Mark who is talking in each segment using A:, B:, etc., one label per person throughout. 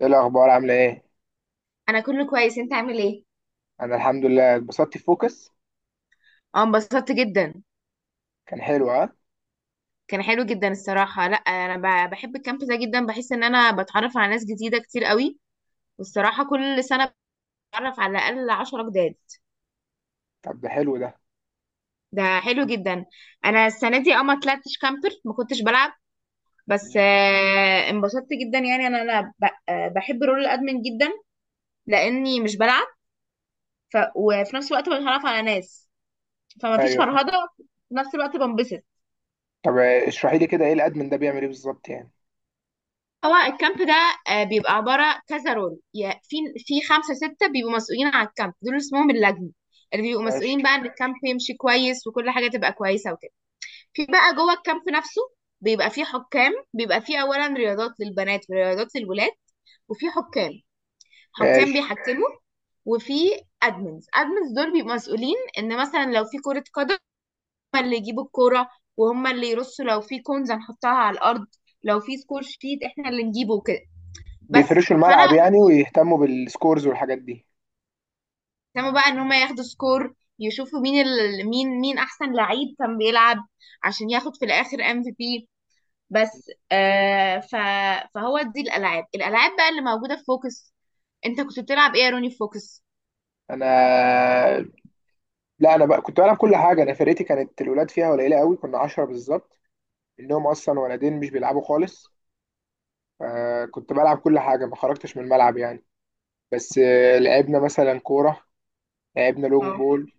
A: ايه الاخبار؟ عامله ايه؟
B: انا كله كويس، انت عامل ايه؟
A: انا الحمد لله، اتبسطت في فوكس.
B: اه انبسطت جدا.
A: كان حلو، ها؟
B: كان حلو جدا الصراحه، لا انا بحب الكامب ده جدا، بحس ان انا بتعرف على ناس جديده كتير قوي. والصراحه كل سنه بتعرف على الاقل 10 جداد.
A: طب ده حلو، ده.
B: ده حلو جدا. انا السنه دي اه ما طلعتش كامبر، ما كنتش بلعب. بس انبسطت جدا، يعني انا بحب رول الادمن جدا لاني مش بلعب. وفي نفس الوقت بتعرف على ناس، فما فيش
A: ايوه.
B: فرهده، في نفس الوقت بنبسط.
A: طب. اشرحي لي كده، ايه الادمن ده بيعمل ايه بالظبط يعني؟
B: هو الكامب ده بيبقى عبارة كذا رول، في خمسة ستة بيبقوا مسؤولين على الكامب، دول اسمهم اللجنة، اللي بيبقوا مسؤولين
A: ماشي.
B: بقى ان الكامب يمشي كويس وكل حاجة تبقى كويسة وكده. في بقى جوه الكامب نفسه بيبقى في حكام، بيبقى في أولا رياضات للبنات ورياضات للولاد، وفي حكام، حكام
A: ماشي.
B: بيحكموا. وفي أدمنز، أدمنز دول بيبقوا مسؤولين ان مثلا لو في كرة قدم هم اللي يجيبوا الكورة، وهم اللي يرصوا لو في كونز هنحطها على الأرض، لو في سكور شيت احنا اللي نجيبه وكده. بس
A: بيفرشوا
B: فانا
A: الملعب يعني
B: كنت
A: ويهتموا بالسكورز والحاجات دي؟
B: مهتمه بقى ان هم ياخدوا سكور يشوفوا مين احسن لعيب كان بيلعب عشان ياخد في الاخر MVP. بس فهو دي الالعاب بقى اللي موجوده في فوكس. انت كنت بتلعب ايه يا روني في فوكس؟
A: انا؟ لا، انا بقى كنت بلعب كل حاجه. انا فرقتي كانت الولاد فيها قليله قوي، كنا 10 بالظبط. منهم اصلا ولدين مش بيلعبوا خالص. فكنت بلعب كل حاجه، ما خرجتش من الملعب يعني. بس لعبنا مثلا كوره، لعبنا لونج
B: اه،
A: بول،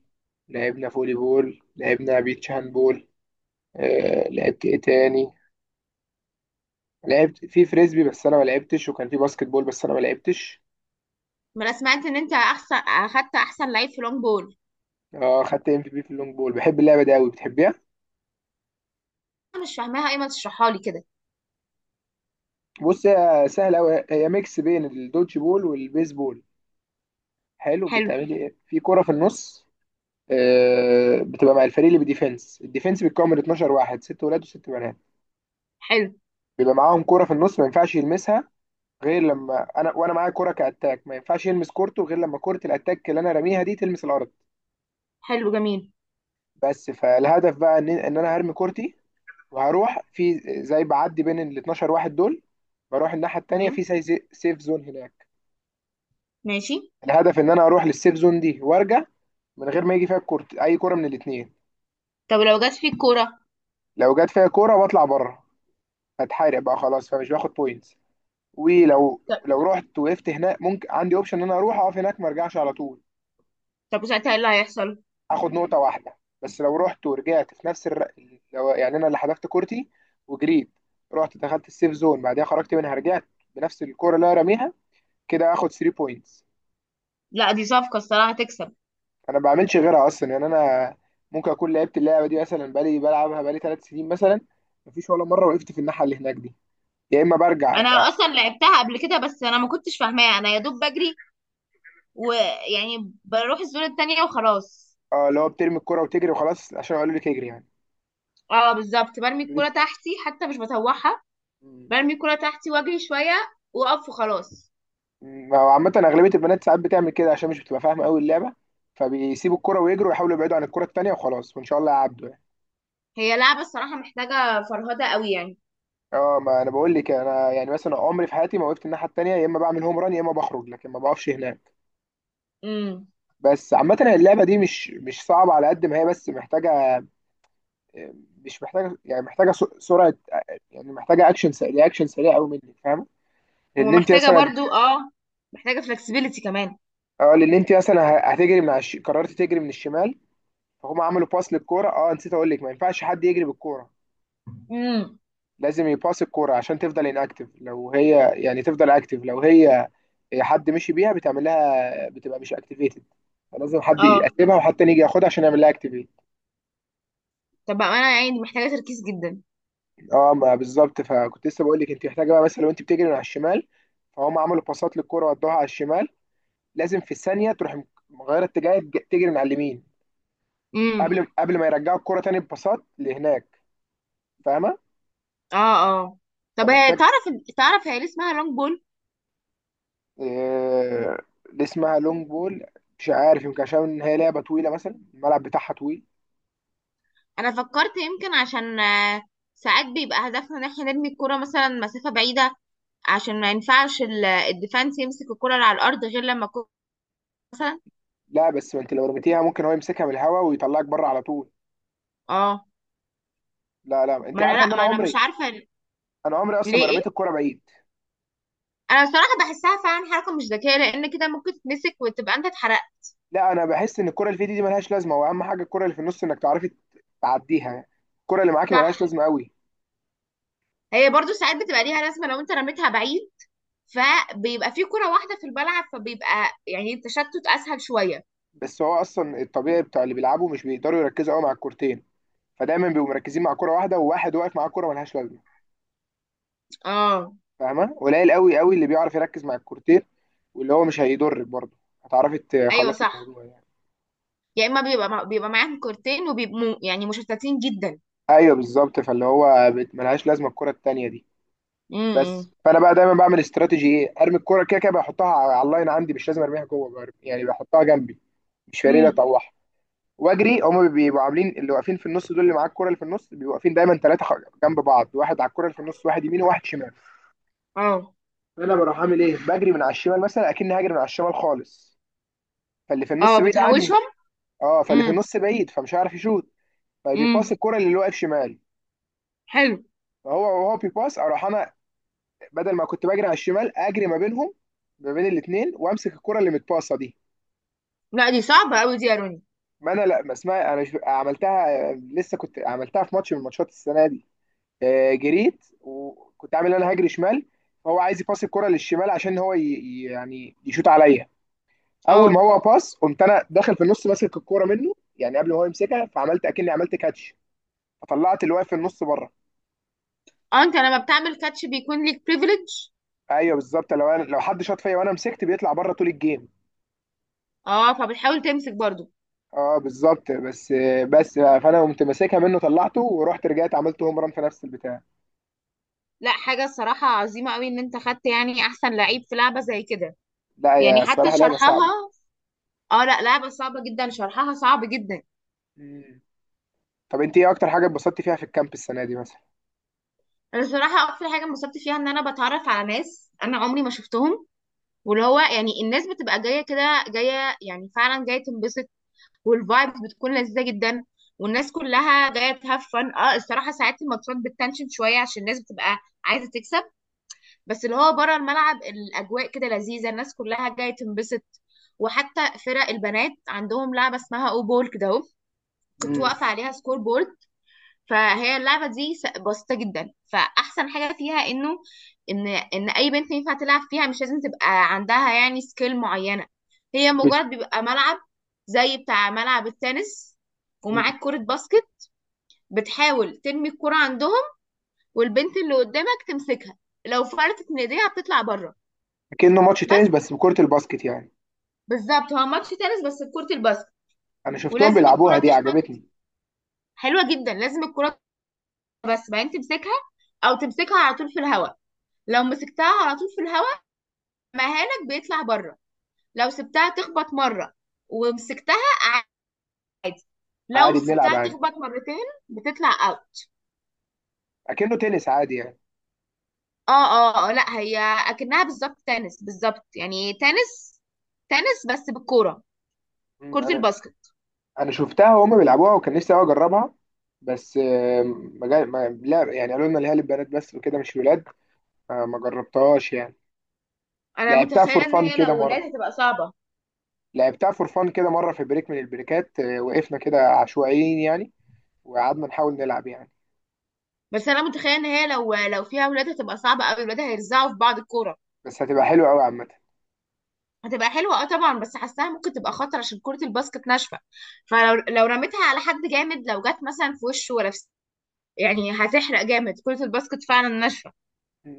A: لعبنا فولي بول، لعبنا بيتش هاند بول. لعبت ايه تاني؟ لعبت في فريسبي بس انا ما لعبتش، وكان في باسكت بول بس انا ما لعبتش.
B: ما انا سمعت ان انت احسن، اخدت احسن لعيب في لونج بول.
A: اه، خدت ام في بي في اللونج بول. بحب اللعبه دي قوي، بتحبيها؟
B: انا مش فاهماها، ايه ما تشرحها لي كده.
A: بص، هي سهله قوي. هي ميكس بين الدوتش بول والبيسبول. حلو.
B: حلو.
A: بتعملي ايه في كره في النص؟ بتبقى مع الفريق اللي بديفنس. الديفنس بيتكون من 12 واحد، ست ولاد وست بنات.
B: حلو.
A: بيبقى معاهم كره في النص، ما ينفعش يلمسها غير لما انا، وانا معايا كره كاتاك. ما ينفعش يلمس كورته غير لما كره الاتاك اللي انا راميها دي تلمس الارض.
B: حلو جميل.
A: بس فالهدف بقى ان انا هرمي كورتي، وهروح في زي بعدي بين ال 12 واحد دول. بروح الناحيه التانيه
B: تمام.
A: في زي سيف زون هناك.
B: ماشي.
A: الهدف ان انا اروح للسيف زون دي وارجع، من غير ما يجي فيها الكورت اي كوره من الاثنين.
B: طب لو جت فيك كوره.
A: لو جت فيها كوره بطلع بره، هتحارق بقى خلاص، فمش باخد بوينتس. ولو،
B: طب.
A: لو رحت وقفت هناك ممكن عندي اوبشن ان انا اروح اقف هناك، ما ارجعش على طول.
B: طب وساعتها ايه اللي هيحصل؟
A: هاخد نقطة واحدة بس. لو رحت ورجعت في نفس لو يعني أنا اللي حذفت كورتي، وجريت، رحت دخلت السيف زون، بعدها خرجت منها رجعت بنفس الكورة اللي أنا راميها، كده هاخد 3 بوينتس.
B: لا دي صفقه الصراحه هتكسب.
A: أنا ما بعملش غيرها أصلا يعني. أنا ممكن أكون لعبت اللعبة دي مثلا بلعبها بقالي 3 سنين مثلا. مفيش ولا مرة وقفت في الناحية اللي هناك دي. يا إما برجع
B: انا
A: يعني-
B: اصلا لعبتها قبل كده بس انا ما كنتش فاهماها، انا يا دوب بجري ويعني بروح الزون التانية وخلاص.
A: اه، اللي هو بترمي الكورة وتجري وخلاص عشان قالوا لك اجري يعني.
B: اه بالظبط، برمي
A: قالوا
B: الكرة تحتي حتى مش بطوحها،
A: لك.
B: برمي الكرة تحتي واجري شوية، واقف وخلاص.
A: ما هو عامة أغلبية البنات ساعات بتعمل كده عشان مش بتبقى فاهمة أوي اللعبة، فبيسيبوا الكرة ويجروا ويحاولوا يبعدوا عن الكرة التانية وخلاص، وإن شاء الله يعدوا يعني.
B: هي لعبة الصراحة محتاجة فرهدة قوي يعني.
A: اه، ما أنا بقول لك. أنا يعني مثلا عمري في حياتي ما وقفت الناحية التانية، يا إما بعمل هوم ران، يا إما بخرج، لكن ما بقفش هناك.
B: امم
A: بس عامة اللعبة دي مش صعبة على قد ما هي، بس محتاجة. مش محتاجة يعني محتاجة سرعة، يعني محتاجة أكشن سريع، أكشن سريع أوي منك، فاهمة؟ لأن أنت
B: ومحتاجة
A: مثلا.
B: برضو، اه محتاجة فلكسبيليتي كمان.
A: اه، لأن أنت مثلا هتجري من على قررت تجري من الشمال، فهم عملوا باس للكورة. اه، نسيت أقول لك، ما ينفعش حد يجري بالكورة.
B: امم
A: لازم يباص الكوره عشان تفضل اكتف. لو هي حد مشي بيها بتعمل لها، بتبقى مش اكتيفيتد، فلازم حد
B: اه،
A: يقسمها وحد تاني يجي ياخدها عشان يعمل لها اكتيفيت.
B: طب انا يعني محتاجة تركيز جدا.
A: اه، ما بالظبط. فكنت لسه بقول لك انت محتاجه بقى، مثلا لو انت بتجري من على الشمال، فهم عملوا باصات للكوره ودوها على الشمال، لازم في الثانيه تروح مغيره اتجاه، تجري من على اليمين،
B: امم
A: قبل ما يرجعوا الكوره تاني بباصات لهناك. فاهمه؟
B: اه. اه طب هي
A: فمحتاج.
B: تعرف، تعرف هي ليه اسمها لونج بول؟
A: آه، اللي اسمها لونج بول، مش عارف، يمكن عشان ان هي لعبه طويله، مثلا الملعب بتاعها طويل.
B: انا فكرت يمكن عشان ساعات بيبقى هدفنا ان احنا نرمي الكرة مثلا مسافة بعيدة، عشان ما ينفعش الديفنس يمسك الكرة اللي على الارض غير لما الكرة مثلا.
A: لا بس ما انت لو رميتيها ممكن هو يمسكها من الهواء ويطلعك بره على طول.
B: اه
A: لا، لا، انت
B: ما انا،
A: عارفه ان
B: لا
A: انا
B: ما انا مش
A: عمري،
B: عارفة.
A: انا عمري اصلا
B: ليه؟
A: ما
B: ايه؟
A: رميت الكوره بعيد.
B: انا الصراحة بحسها فعلا حركة مش ذكية، لان كده ممكن تتمسك وتبقى انت اتحرقت.
A: لا، انا بحس ان الكوره اللي في دي ملهاش لازمه. واهم حاجه الكوره اللي في النص، انك تعرفي تعديها. الكوره اللي معاكي
B: صح،
A: ملهاش لازمه قوي.
B: هي برضو ساعات بتبقى ليها لازمة لو انت رميتها بعيد، فبيبقى في كرة واحدة في الملعب فبيبقى يعني التشتت اسهل شوية.
A: بس هو اصلا الطبيعي بتاع اللي بيلعبوا، مش بيقدروا يركزوا قوي مع الكورتين، فدايما بيبقوا مركزين مع كوره واحده، وواحد واقف مع كوره ملهاش لازمه.
B: اه
A: فاهمه؟ قليل قوي قوي اللي بيعرف يركز مع الكورتير، واللي هو مش هيضرك برضه، هتعرفي
B: ايوه
A: تخلصي
B: صح،
A: الموضوع يعني.
B: يا اما بيبقى معاهم كورتين وبيبقوا يعني مشتتين جدا.
A: ايوه بالظبط، فاللي هو ملهاش لازمه الكره التانيه دي. بس
B: امم
A: فانا بقى دايما بعمل استراتيجي ايه؟ ارمي الكره كده كده، بحطها على اللاين عندي، مش لازم ارميها جوه بقى. يعني بحطها جنبي، مش فارق لي
B: امم
A: اطوحها. واجري. هما بيبقوا عاملين اللي واقفين في النص دول، اللي معاك الكره اللي في النص، بيبقوا واقفين دايما ثلاثه جنب بعض، واحد على الكره اللي في النص، واحد يمين وواحد شمال.
B: اه
A: فانا بروح عامل ايه؟ بجري من على الشمال مثلا، اكني هاجري من على الشمال خالص، فاللي في النص
B: اه
A: بعيد عني.
B: بتحوشهم.
A: اه، فاللي في
B: امم
A: النص بعيد فمش هيعرف يشوط، فبيباص
B: امم
A: الكرة اللي واقف شمال.
B: حلو.
A: وهو بيباص، اروح انا بدل ما كنت بجري على الشمال، اجري ما بينهم، ما بين الاثنين، وامسك الكرة اللي متباصة دي.
B: لا دي صعبة قوي دي يا روني.
A: ما انا لا، ما اسمها، انا مش عملتها لسه، كنت عملتها في ماتش من الماتشات السنة دي. جريت وكنت عامل انا هجري شمال، فهو عايز يباص الكرة للشمال عشان هو يعني يشوط عليا. اول ما
B: اه،
A: هو باص، قمت انا داخل في النص ماسك الكرة منه يعني، قبل ما هو يمسكها، فعملت اكني عملت كاتش، فطلعت اللي واقف في النص بره.
B: اه انت لما بتعمل كاتش بيكون ليك بريفليج.
A: ايوه بالظبط، لو حد شاط فيا وانا مسكت بيطلع بره طول الجيم.
B: اه فبتحاول تمسك برضو.
A: اه بالظبط، بس بقى، فانا قمت ماسكها منه، طلعته ورحت رجعت، عملت هوم ران في نفس البتاع.
B: لا حاجة الصراحة عظيمة قوي ان انت خدت يعني احسن لعيب في لعبة زي كده،
A: لا
B: يعني
A: يا،
B: حتى
A: الصراحه لعبه
B: شرحها،
A: صعبه.
B: اه لا لعبة صعبة جدا، شرحها صعب جدا.
A: مم. طب انت ايه اكتر حاجه اتبسطتي فيها في الكامب السنه دي مثلا؟
B: انا الصراحة اكتر حاجة انبسطت فيها ان انا بتعرف على ناس انا عمري ما شفتهم، واللي هو يعني الناس بتبقى جاية كده، جاية يعني فعلا جاية تنبسط، والفايبز بتكون لذيذة جدا، والناس كلها جاية تهاف فن. اه الصراحة ساعات الماتشات بتنشن شوية عشان الناس بتبقى عايزة تكسب، بس اللي هو بره الملعب الأجواء كده لذيذة، الناس كلها جاية تنبسط. وحتى فرق البنات عندهم لعبة اسمها او بول كده اهو، كنت
A: مم.
B: واقفة عليها سكور بول. فهي اللعبة دي بسيطة جدا، فأحسن حاجة فيها إنه إن أي بنت ينفع تلعب فيها، مش لازم تبقى عندها يعني سكيل معينة. هي
A: بت-
B: مجرد بيبقى ملعب زي بتاع ملعب التنس
A: مم.
B: ومعاك كرة باسكت، بتحاول ترمي الكرة عندهم والبنت اللي قدامك تمسكها، لو فلتت من ايديها بتطلع بره.
A: كأنه ماتش تنس
B: بس
A: بس بكره الباسكت يعني.
B: بالظبط هو ماتش تنس بس بكرة الباسكت،
A: انا شفتهم
B: ولازم الكرة
A: بيلعبوها، دي
B: تخبط.
A: عجبتني.
B: حلوة جدا، لازم الكرة بس بعدين تمسكها، أو تمسكها على طول في الهواء. لو مسكتها على طول في الهواء مهانك بيطلع بره. لو سبتها تخبط مرة ومسكتها عادي، لو
A: عادي، بنلعب
B: سبتها
A: عادي،
B: تخبط مرتين بتطلع اوت.
A: اكنه تنس عادي يعني.
B: اه اه لا هي اكنها بالظبط تنس، بالظبط يعني تنس بس بالكورة،
A: مم.
B: كرة
A: انا
B: الباسكت.
A: انا شفتها وهم بيلعبوها وكان نفسي أوي اجربها. بس آم، ما جا- ما- لا يعني، قالوا لنا اللي هي للبنات بس وكده، مش ولاد. ما جربتهاش يعني.
B: انا
A: لعبتها فور
B: متخيلة ان
A: فان
B: هي
A: كده
B: لو ولاد
A: مره
B: هتبقى صعبة.
A: لعبتها فور فان كده مره في بريك من البريكات، وقفنا كده عشوائيين يعني، وقعدنا نحاول نلعب يعني.
B: بس انا متخيلة ان هي لو فيها ولاد هتبقى صعبة قوي، الولاد هيرزعوا في بعض الكورة.
A: بس هتبقى حلوه قوي عامه.
B: هتبقى حلوة اه طبعا، بس حاساها ممكن تبقى خطر عشان كرة الباسكت ناشفة، فلو رميتها على حد جامد لو جت مثلا في وشه ولا في، يعني هتحرق جامد، كرة الباسكت فعلا ناشفة.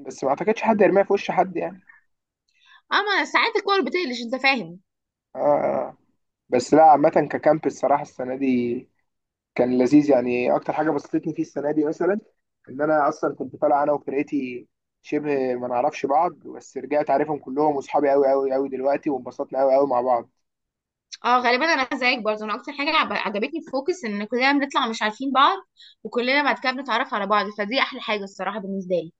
A: بس ما اعتقدش حد يرميها في وش حد يعني.
B: اما ساعات الكور بتقلش انت فاهم.
A: اه، آه. بس لا، عامه ككامب الصراحه السنه دي كان لذيذ يعني. اكتر حاجه بسطتني فيه السنه دي مثلا، ان انا اصلا كنت طالع انا وفرقتي شبه ما نعرفش بعض، بس رجعت عارفهم كلهم، واصحابي قوي قوي قوي دلوقتي، وانبسطنا قوي قوي مع بعض.
B: اه غالبا انا زيك برضه، انا اكتر حاجة عجبتني في فوكس ان كلنا بنطلع مش عارفين بعض وكلنا بعد كده بنتعرف على بعض، فدي احلى حاجة الصراحة بالنسبة لي